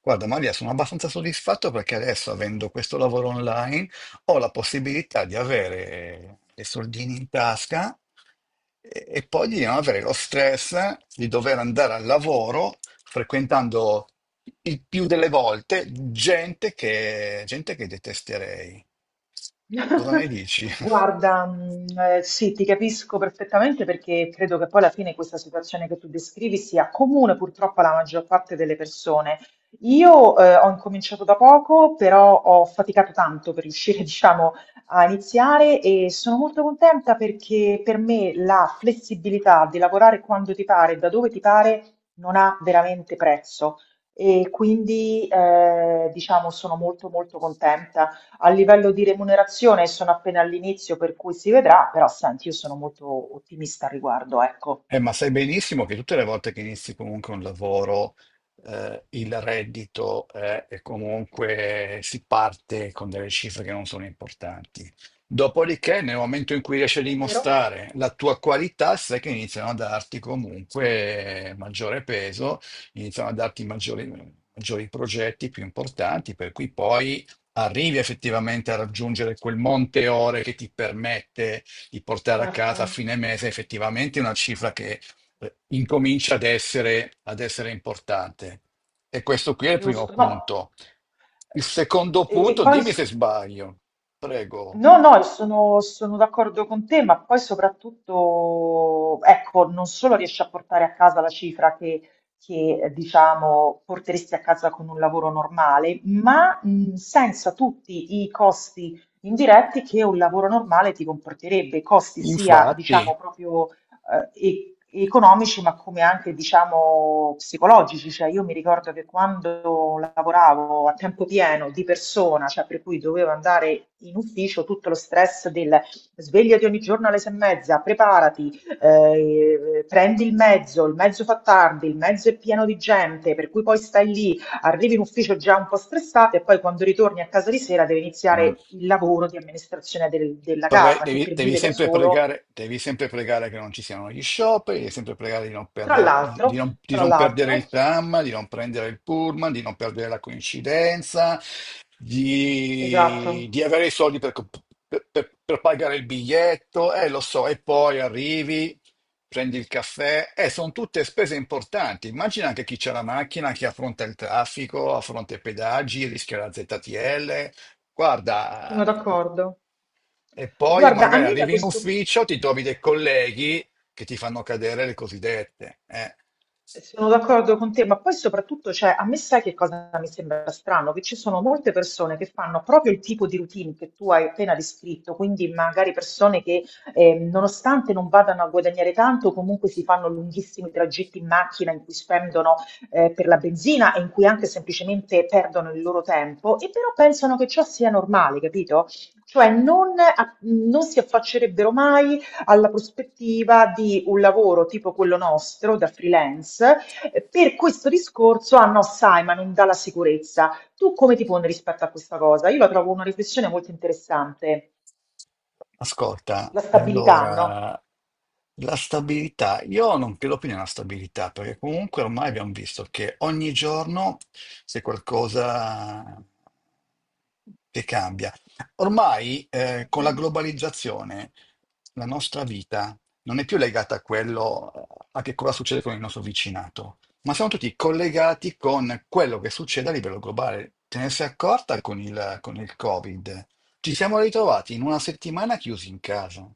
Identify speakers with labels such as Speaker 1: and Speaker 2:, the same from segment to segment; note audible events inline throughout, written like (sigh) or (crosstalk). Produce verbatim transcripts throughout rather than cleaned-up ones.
Speaker 1: Guarda Maria, sono abbastanza soddisfatto perché adesso, avendo questo lavoro online, ho la possibilità di avere dei soldini in tasca e, e poi di non avere lo stress di dover andare al lavoro frequentando il più delle volte gente che, gente che detesterei. Cosa ne
Speaker 2: (laughs)
Speaker 1: dici? (laughs)
Speaker 2: Guarda, mh, eh, sì, ti capisco perfettamente perché credo che poi alla fine questa situazione che tu descrivi sia comune purtroppo alla maggior parte delle persone. Io eh, ho incominciato da poco, però ho faticato tanto per riuscire, (laughs) diciamo, a iniziare e sono molto contenta perché per me la flessibilità di lavorare quando ti pare, da dove ti pare, non ha veramente prezzo. E quindi, eh, diciamo, sono molto molto contenta. A livello di remunerazione sono appena all'inizio, per cui si vedrà, però senti, io sono molto ottimista al riguardo, ecco.
Speaker 1: Eh, ma sai benissimo che tutte le volte che inizi comunque un lavoro, eh, il reddito, eh, è comunque si parte con delle cifre che non sono importanti. Dopodiché, nel momento in cui riesci a
Speaker 2: È vero?
Speaker 1: dimostrare la tua qualità, sai che iniziano a darti comunque maggiore peso, iniziano a darti maggiori, maggiori progetti più importanti, per cui poi arrivi effettivamente a raggiungere quel monte ore che ti permette di portare a
Speaker 2: Certo,
Speaker 1: casa a fine mese effettivamente una cifra che eh, incomincia ad essere, ad essere importante. E questo qui è il primo
Speaker 2: giusto. No,
Speaker 1: punto. Il secondo
Speaker 2: e, e
Speaker 1: punto,
Speaker 2: poi
Speaker 1: dimmi se
Speaker 2: s-
Speaker 1: sbaglio, prego.
Speaker 2: no, no, sono, sono d'accordo con te, ma poi soprattutto, ecco, non solo riesci a portare a casa la cifra che, che, eh, diciamo, porteresti a casa con un lavoro normale, ma mh, senza tutti i costi indiretti che un lavoro normale ti comporterebbe, costi sia,
Speaker 1: Infatti.
Speaker 2: diciamo, proprio eh, e- economici, ma come anche, diciamo, psicologici. Cioè, io mi ricordo che quando lavoravo a tempo pieno di persona, cioè per cui dovevo andare in ufficio, tutto lo stress del svegliati ogni giorno alle sei e mezza, preparati, eh, prendi il mezzo, il mezzo fa tardi, il mezzo è pieno di gente, per cui poi stai lì, arrivi in ufficio già un po' stressato e poi quando ritorni a casa di sera deve
Speaker 1: Mm.
Speaker 2: iniziare il lavoro di amministrazione del- della
Speaker 1: Pre-
Speaker 2: casa, che
Speaker 1: devi,
Speaker 2: per
Speaker 1: devi
Speaker 2: vive da
Speaker 1: sempre
Speaker 2: solo.
Speaker 1: pregare, devi sempre pregare che non ci siano gli scioperi, devi sempre pregare di non
Speaker 2: Tra
Speaker 1: perdere, di,
Speaker 2: l'altro,
Speaker 1: di non, di
Speaker 2: tra
Speaker 1: non perdere
Speaker 2: l'altro,
Speaker 1: il tram, di non prendere il pullman, di non perdere la coincidenza, di,
Speaker 2: esatto,
Speaker 1: di avere i soldi per, comp- per- per- per pagare il biglietto, eh, lo so, e poi arrivi, prendi il caffè, eh, sono tutte spese importanti. Immagina anche chi c'è la macchina, chi affronta il traffico, affronta i pedaggi, rischia la zeta ti elle.
Speaker 2: sono
Speaker 1: Guarda,
Speaker 2: d'accordo.
Speaker 1: e poi
Speaker 2: Guarda, a
Speaker 1: magari
Speaker 2: me da
Speaker 1: arrivi in
Speaker 2: questo.
Speaker 1: ufficio, ti trovi dei colleghi che ti fanno cadere le cosiddette. Eh.
Speaker 2: Eh, Sono d'accordo con te, ma poi soprattutto, cioè, a me sai che cosa mi sembra strano? Che ci sono molte persone che fanno proprio il tipo di routine che tu hai appena descritto, quindi magari persone che eh, nonostante non vadano a guadagnare tanto, comunque si fanno lunghissimi tragitti in macchina in cui spendono eh, per la benzina e in cui anche semplicemente perdono il loro tempo e però pensano che ciò sia normale, capito? Cioè non, a- non si affaccerebbero mai alla prospettiva di un lavoro tipo quello nostro da freelance. Eh, Per questo discorso, ah no, sai, ma non dà la sicurezza. Tu come ti poni rispetto a questa cosa? Io la trovo una riflessione molto interessante.
Speaker 1: Ascolta,
Speaker 2: La stabilità, no?
Speaker 1: allora, la stabilità, io non credo più nella stabilità, perché comunque ormai abbiamo visto che ogni giorno c'è qualcosa che cambia. Ormai, eh, con la
Speaker 2: Mhm.
Speaker 1: globalizzazione, la nostra vita non è più legata a quello, eh, a che cosa succede con il nostro vicinato, ma siamo tutti collegati con quello che succede a livello globale. Te ne sei accorta con il, con il Covid? Ci siamo ritrovati in una settimana chiusi in casa.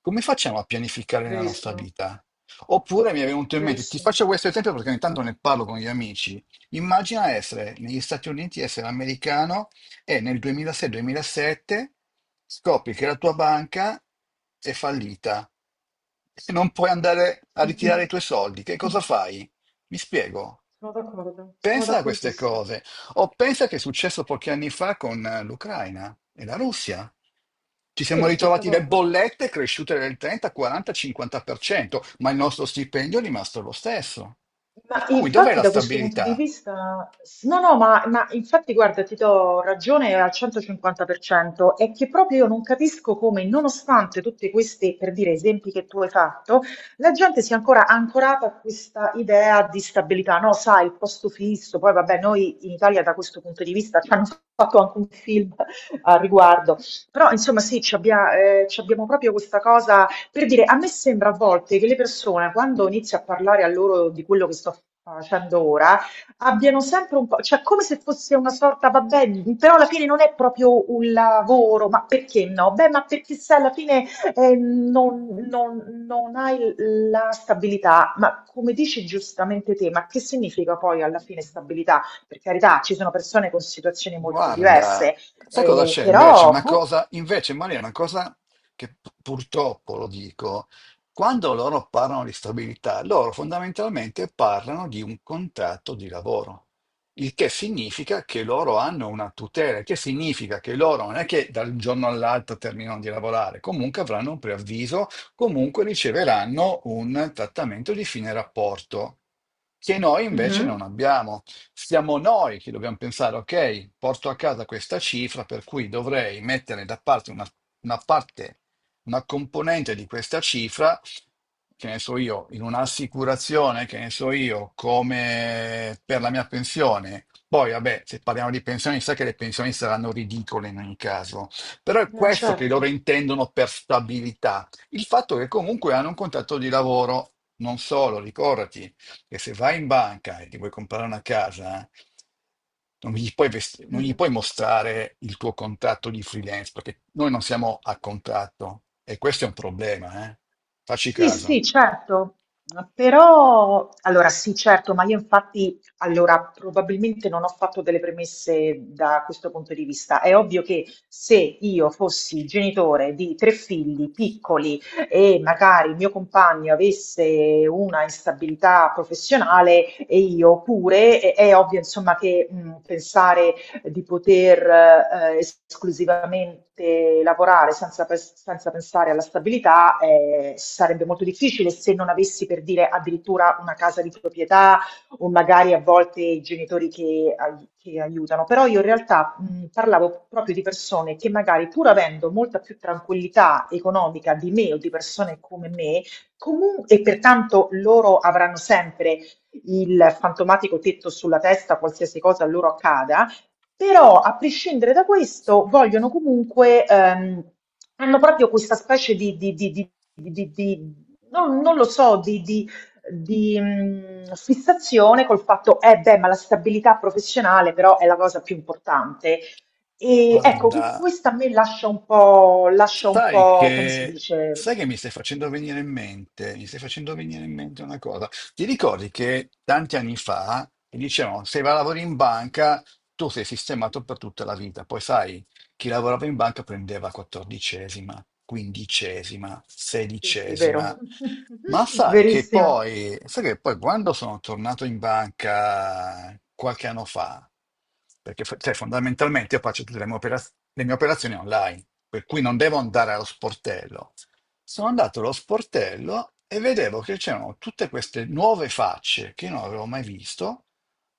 Speaker 1: Come facciamo a pianificare la nostra
Speaker 2: Verissimo,
Speaker 1: vita? Oppure mi è venuto in mente, ti
Speaker 2: verissimo.
Speaker 1: faccio questo esempio perché ogni tanto ne parlo con gli amici. Immagina essere negli Stati Uniti, essere americano e nel duemilasei-duemilasette scopri che la tua banca è fallita e non puoi andare a ritirare i tuoi
Speaker 2: (laughs)
Speaker 1: soldi. Che cosa fai? Mi spiego.
Speaker 2: Sono d'accordo, sono
Speaker 1: Pensa a queste
Speaker 2: d'accordissimo.
Speaker 1: cose o pensa che è successo pochi anni fa con eh, l'Ucraina e la Russia. Ci
Speaker 2: Sì,
Speaker 1: siamo
Speaker 2: la stessa
Speaker 1: ritrovati le
Speaker 2: cosa.
Speaker 1: bollette cresciute del trenta, quaranta, cinquanta per cento, ma il nostro stipendio è rimasto lo stesso.
Speaker 2: Ma
Speaker 1: Per cui dov'è
Speaker 2: infatti
Speaker 1: la
Speaker 2: da questo punto di
Speaker 1: stabilità?
Speaker 2: vista, no, no, ma, ma infatti guarda, ti do ragione al centocinquanta per cento, è che proprio io non capisco come, nonostante tutti questi, per dire, esempi che tu hai fatto, la gente sia ancora ancorata a questa idea di stabilità, no? Sai, il posto fisso, poi vabbè, noi in Italia da questo punto di vista ci hanno fatto anche un film a riguardo, però insomma sì, ci abbia- eh, ci abbiamo proprio questa cosa. Per dire, a me sembra a volte che le persone, quando inizio a parlare a loro di quello che sto facendo ora, abbiano sempre un po', cioè come se fosse una sorta, vabbè, però alla fine non è proprio un lavoro, ma perché no? Beh, ma perché se alla fine eh, non, non- non hai la stabilità, ma come dici giustamente te, ma che significa poi alla fine stabilità? Per carità, ci sono persone con situazioni molto
Speaker 1: Guarda,
Speaker 2: diverse,
Speaker 1: sai cosa
Speaker 2: eh,
Speaker 1: c'è invece?
Speaker 2: però,
Speaker 1: Una
Speaker 2: boh.
Speaker 1: cosa, invece, Maria, una cosa che pu- purtroppo lo dico, quando loro parlano di stabilità, loro fondamentalmente parlano di un contratto di lavoro, il che significa che loro hanno una tutela, il che significa che loro non è che dal giorno all'altro terminano di lavorare, comunque avranno un preavviso, comunque riceveranno un trattamento di fine rapporto, che noi invece non
Speaker 2: Mhm.
Speaker 1: abbiamo. Siamo noi che dobbiamo pensare, ok, porto a casa questa cifra, per cui dovrei mettere da parte una, una parte, una componente di questa cifra, che ne so io, in un'assicurazione, che ne so io, come per la mia pensione. Poi, vabbè, se parliamo di pensioni, sa che le pensioni saranno ridicole in ogni caso. Però è
Speaker 2: Eh,
Speaker 1: questo che loro
Speaker 2: certo.
Speaker 1: intendono per stabilità. Il fatto che comunque hanno un contratto di lavoro, non solo, ricordati che se vai in banca e ti vuoi comprare una casa, non gli puoi, vest- non gli puoi mostrare il tuo contratto di freelance, perché noi non siamo a contratto e questo è un problema, eh? Facci
Speaker 2: Sì,
Speaker 1: caso.
Speaker 2: sì, certo, però allora sì, certo, ma io infatti allora probabilmente non ho fatto delle premesse da questo punto di vista. È ovvio che se io fossi genitore di tre figli piccoli e magari il mio compagno avesse una instabilità professionale e io pure, è, è ovvio insomma che mh, pensare di poter eh, esclusivamente lavorare senza, pes- senza pensare alla stabilità eh, sarebbe molto difficile se non avessi per dire addirittura una casa di proprietà o magari a volte i genitori che, ai- che aiutano. Però io in realtà mh, parlavo proprio di persone che magari pur avendo molta più tranquillità economica di me o di persone come me, comunque e pertanto loro avranno sempre il fantomatico tetto sulla testa, qualsiasi cosa loro accada, però, a prescindere da questo, vogliono comunque, ehm, hanno proprio questa specie di, di- di- di- di- di-, non, non lo so, di, di- di, mh, fissazione col fatto, eh beh, ma la stabilità professionale però è la cosa più importante. E ecco, cu-
Speaker 1: Guarda.
Speaker 2: questa a me lascia un po', lascia un
Speaker 1: Sai
Speaker 2: po', come si
Speaker 1: che,
Speaker 2: dice?
Speaker 1: sai che mi stai facendo venire in mente, mi stai facendo venire in mente una cosa. Ti ricordi che tanti anni fa ti dicevano, se vai a lavorare in banca, tu sei sistemato per tutta la vita. Poi sai, chi lavorava in banca prendeva quattordicesima, quindicesima,
Speaker 2: Sì, sì, vero.
Speaker 1: sedicesima. Ma
Speaker 2: (laughs)
Speaker 1: sai che
Speaker 2: Verissimo,
Speaker 1: poi, sai che poi quando sono tornato in banca qualche anno fa, perché fa- cioè, fondamentalmente io faccio tutte le mie, operaz- le mie operazioni online, per cui non devo andare allo sportello. Sono andato allo sportello e vedevo che c'erano tutte queste nuove facce che io non avevo mai visto,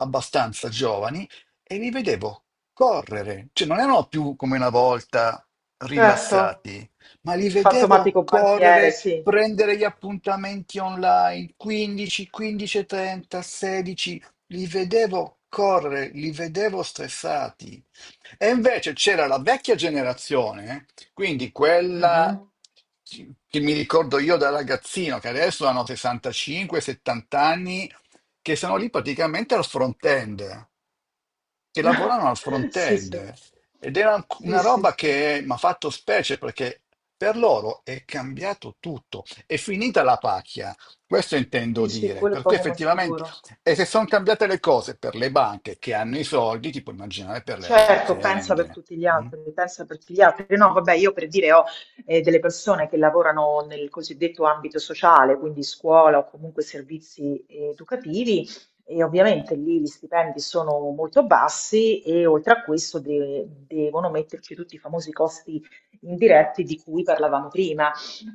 Speaker 1: abbastanza giovani, e li vedevo correre, cioè non erano più come una volta
Speaker 2: certo.
Speaker 1: rilassati, ma li
Speaker 2: Il
Speaker 1: vedevo
Speaker 2: fantomatico banchiere,
Speaker 1: correre,
Speaker 2: sì.
Speaker 1: prendere gli appuntamenti online, quindici, quindici e trenta, sedici, li vedevo correre, li vedevo stressati. E invece c'era la vecchia generazione, eh, quindi quella
Speaker 2: Mhm.
Speaker 1: che mi ricordo io da ragazzino, che adesso hanno sessantacinque a settanta anni, che sono lì praticamente al front end, che
Speaker 2: (laughs)
Speaker 1: lavoravano al
Speaker 2: Sì, sì.
Speaker 1: front-end ed era
Speaker 2: Sì,
Speaker 1: una
Speaker 2: sì,
Speaker 1: roba
Speaker 2: sì.
Speaker 1: che mi ha fatto specie perché per loro è cambiato tutto, è finita la pacchia, questo intendo
Speaker 2: Sì, sì,
Speaker 1: dire,
Speaker 2: quello è
Speaker 1: per cui
Speaker 2: poco ma
Speaker 1: effettivamente,
Speaker 2: sicuro.
Speaker 1: e se sono cambiate le cose per le banche che hanno i soldi, ti puoi immaginare per le altre
Speaker 2: Certo, pensa per
Speaker 1: aziende.
Speaker 2: tutti gli
Speaker 1: Mm?
Speaker 2: altri, pensa per tutti gli altri. No, vabbè, io per dire ho eh, delle persone che lavorano nel cosiddetto ambito sociale, quindi scuola o comunque servizi eh, educativi, e ovviamente lì gli stipendi sono molto bassi e oltre a questo de- devono metterci tutti i famosi costi indiretti di cui parlavamo prima.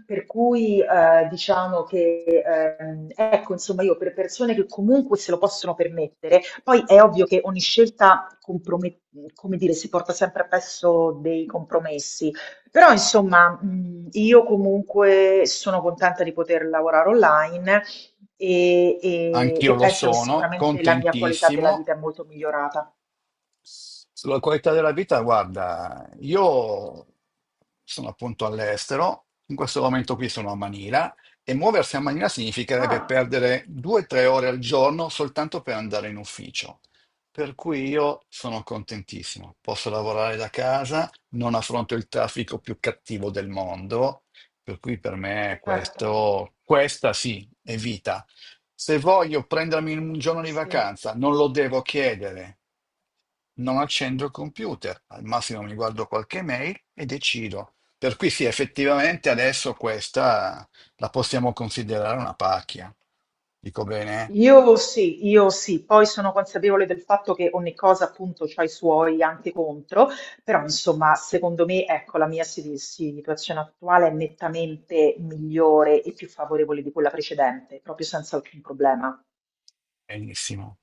Speaker 2: Per cui eh, diciamo che ehm, ecco, insomma, io per persone che comunque se lo possono permettere. Poi è ovvio che ogni scelta comprome- come dire, si porta sempre appresso dei compromessi, però insomma, mh, io comunque sono contenta di poter lavorare online e, e-
Speaker 1: Anch'io
Speaker 2: e
Speaker 1: lo
Speaker 2: penso che
Speaker 1: sono,
Speaker 2: sicuramente la mia qualità della
Speaker 1: contentissimo.
Speaker 2: vita è molto migliorata.
Speaker 1: Sulla qualità della vita, guarda, io sono appunto all'estero, in questo momento qui sono a Manila e muoversi a Manila significherebbe
Speaker 2: Ah,
Speaker 1: perdere due o tre ore al giorno soltanto per andare in ufficio. Per cui io sono contentissimo, posso lavorare da casa, non affronto il traffico più cattivo del mondo, per cui per me
Speaker 2: certo,
Speaker 1: questo, questa sì, è vita. Se voglio prendermi un giorno di
Speaker 2: sì.
Speaker 1: vacanza, non lo devo chiedere, non accendo il computer, al massimo mi guardo qualche mail e decido. Per cui sì, effettivamente adesso questa la possiamo considerare una pacchia. Dico bene?
Speaker 2: Io sì, io sì, poi sono consapevole del fatto che ogni cosa appunto ha i suoi anche contro, però insomma secondo me ecco la mia si- situazione attuale è nettamente migliore e più favorevole di quella precedente, proprio senza alcun problema.
Speaker 1: Benissimo.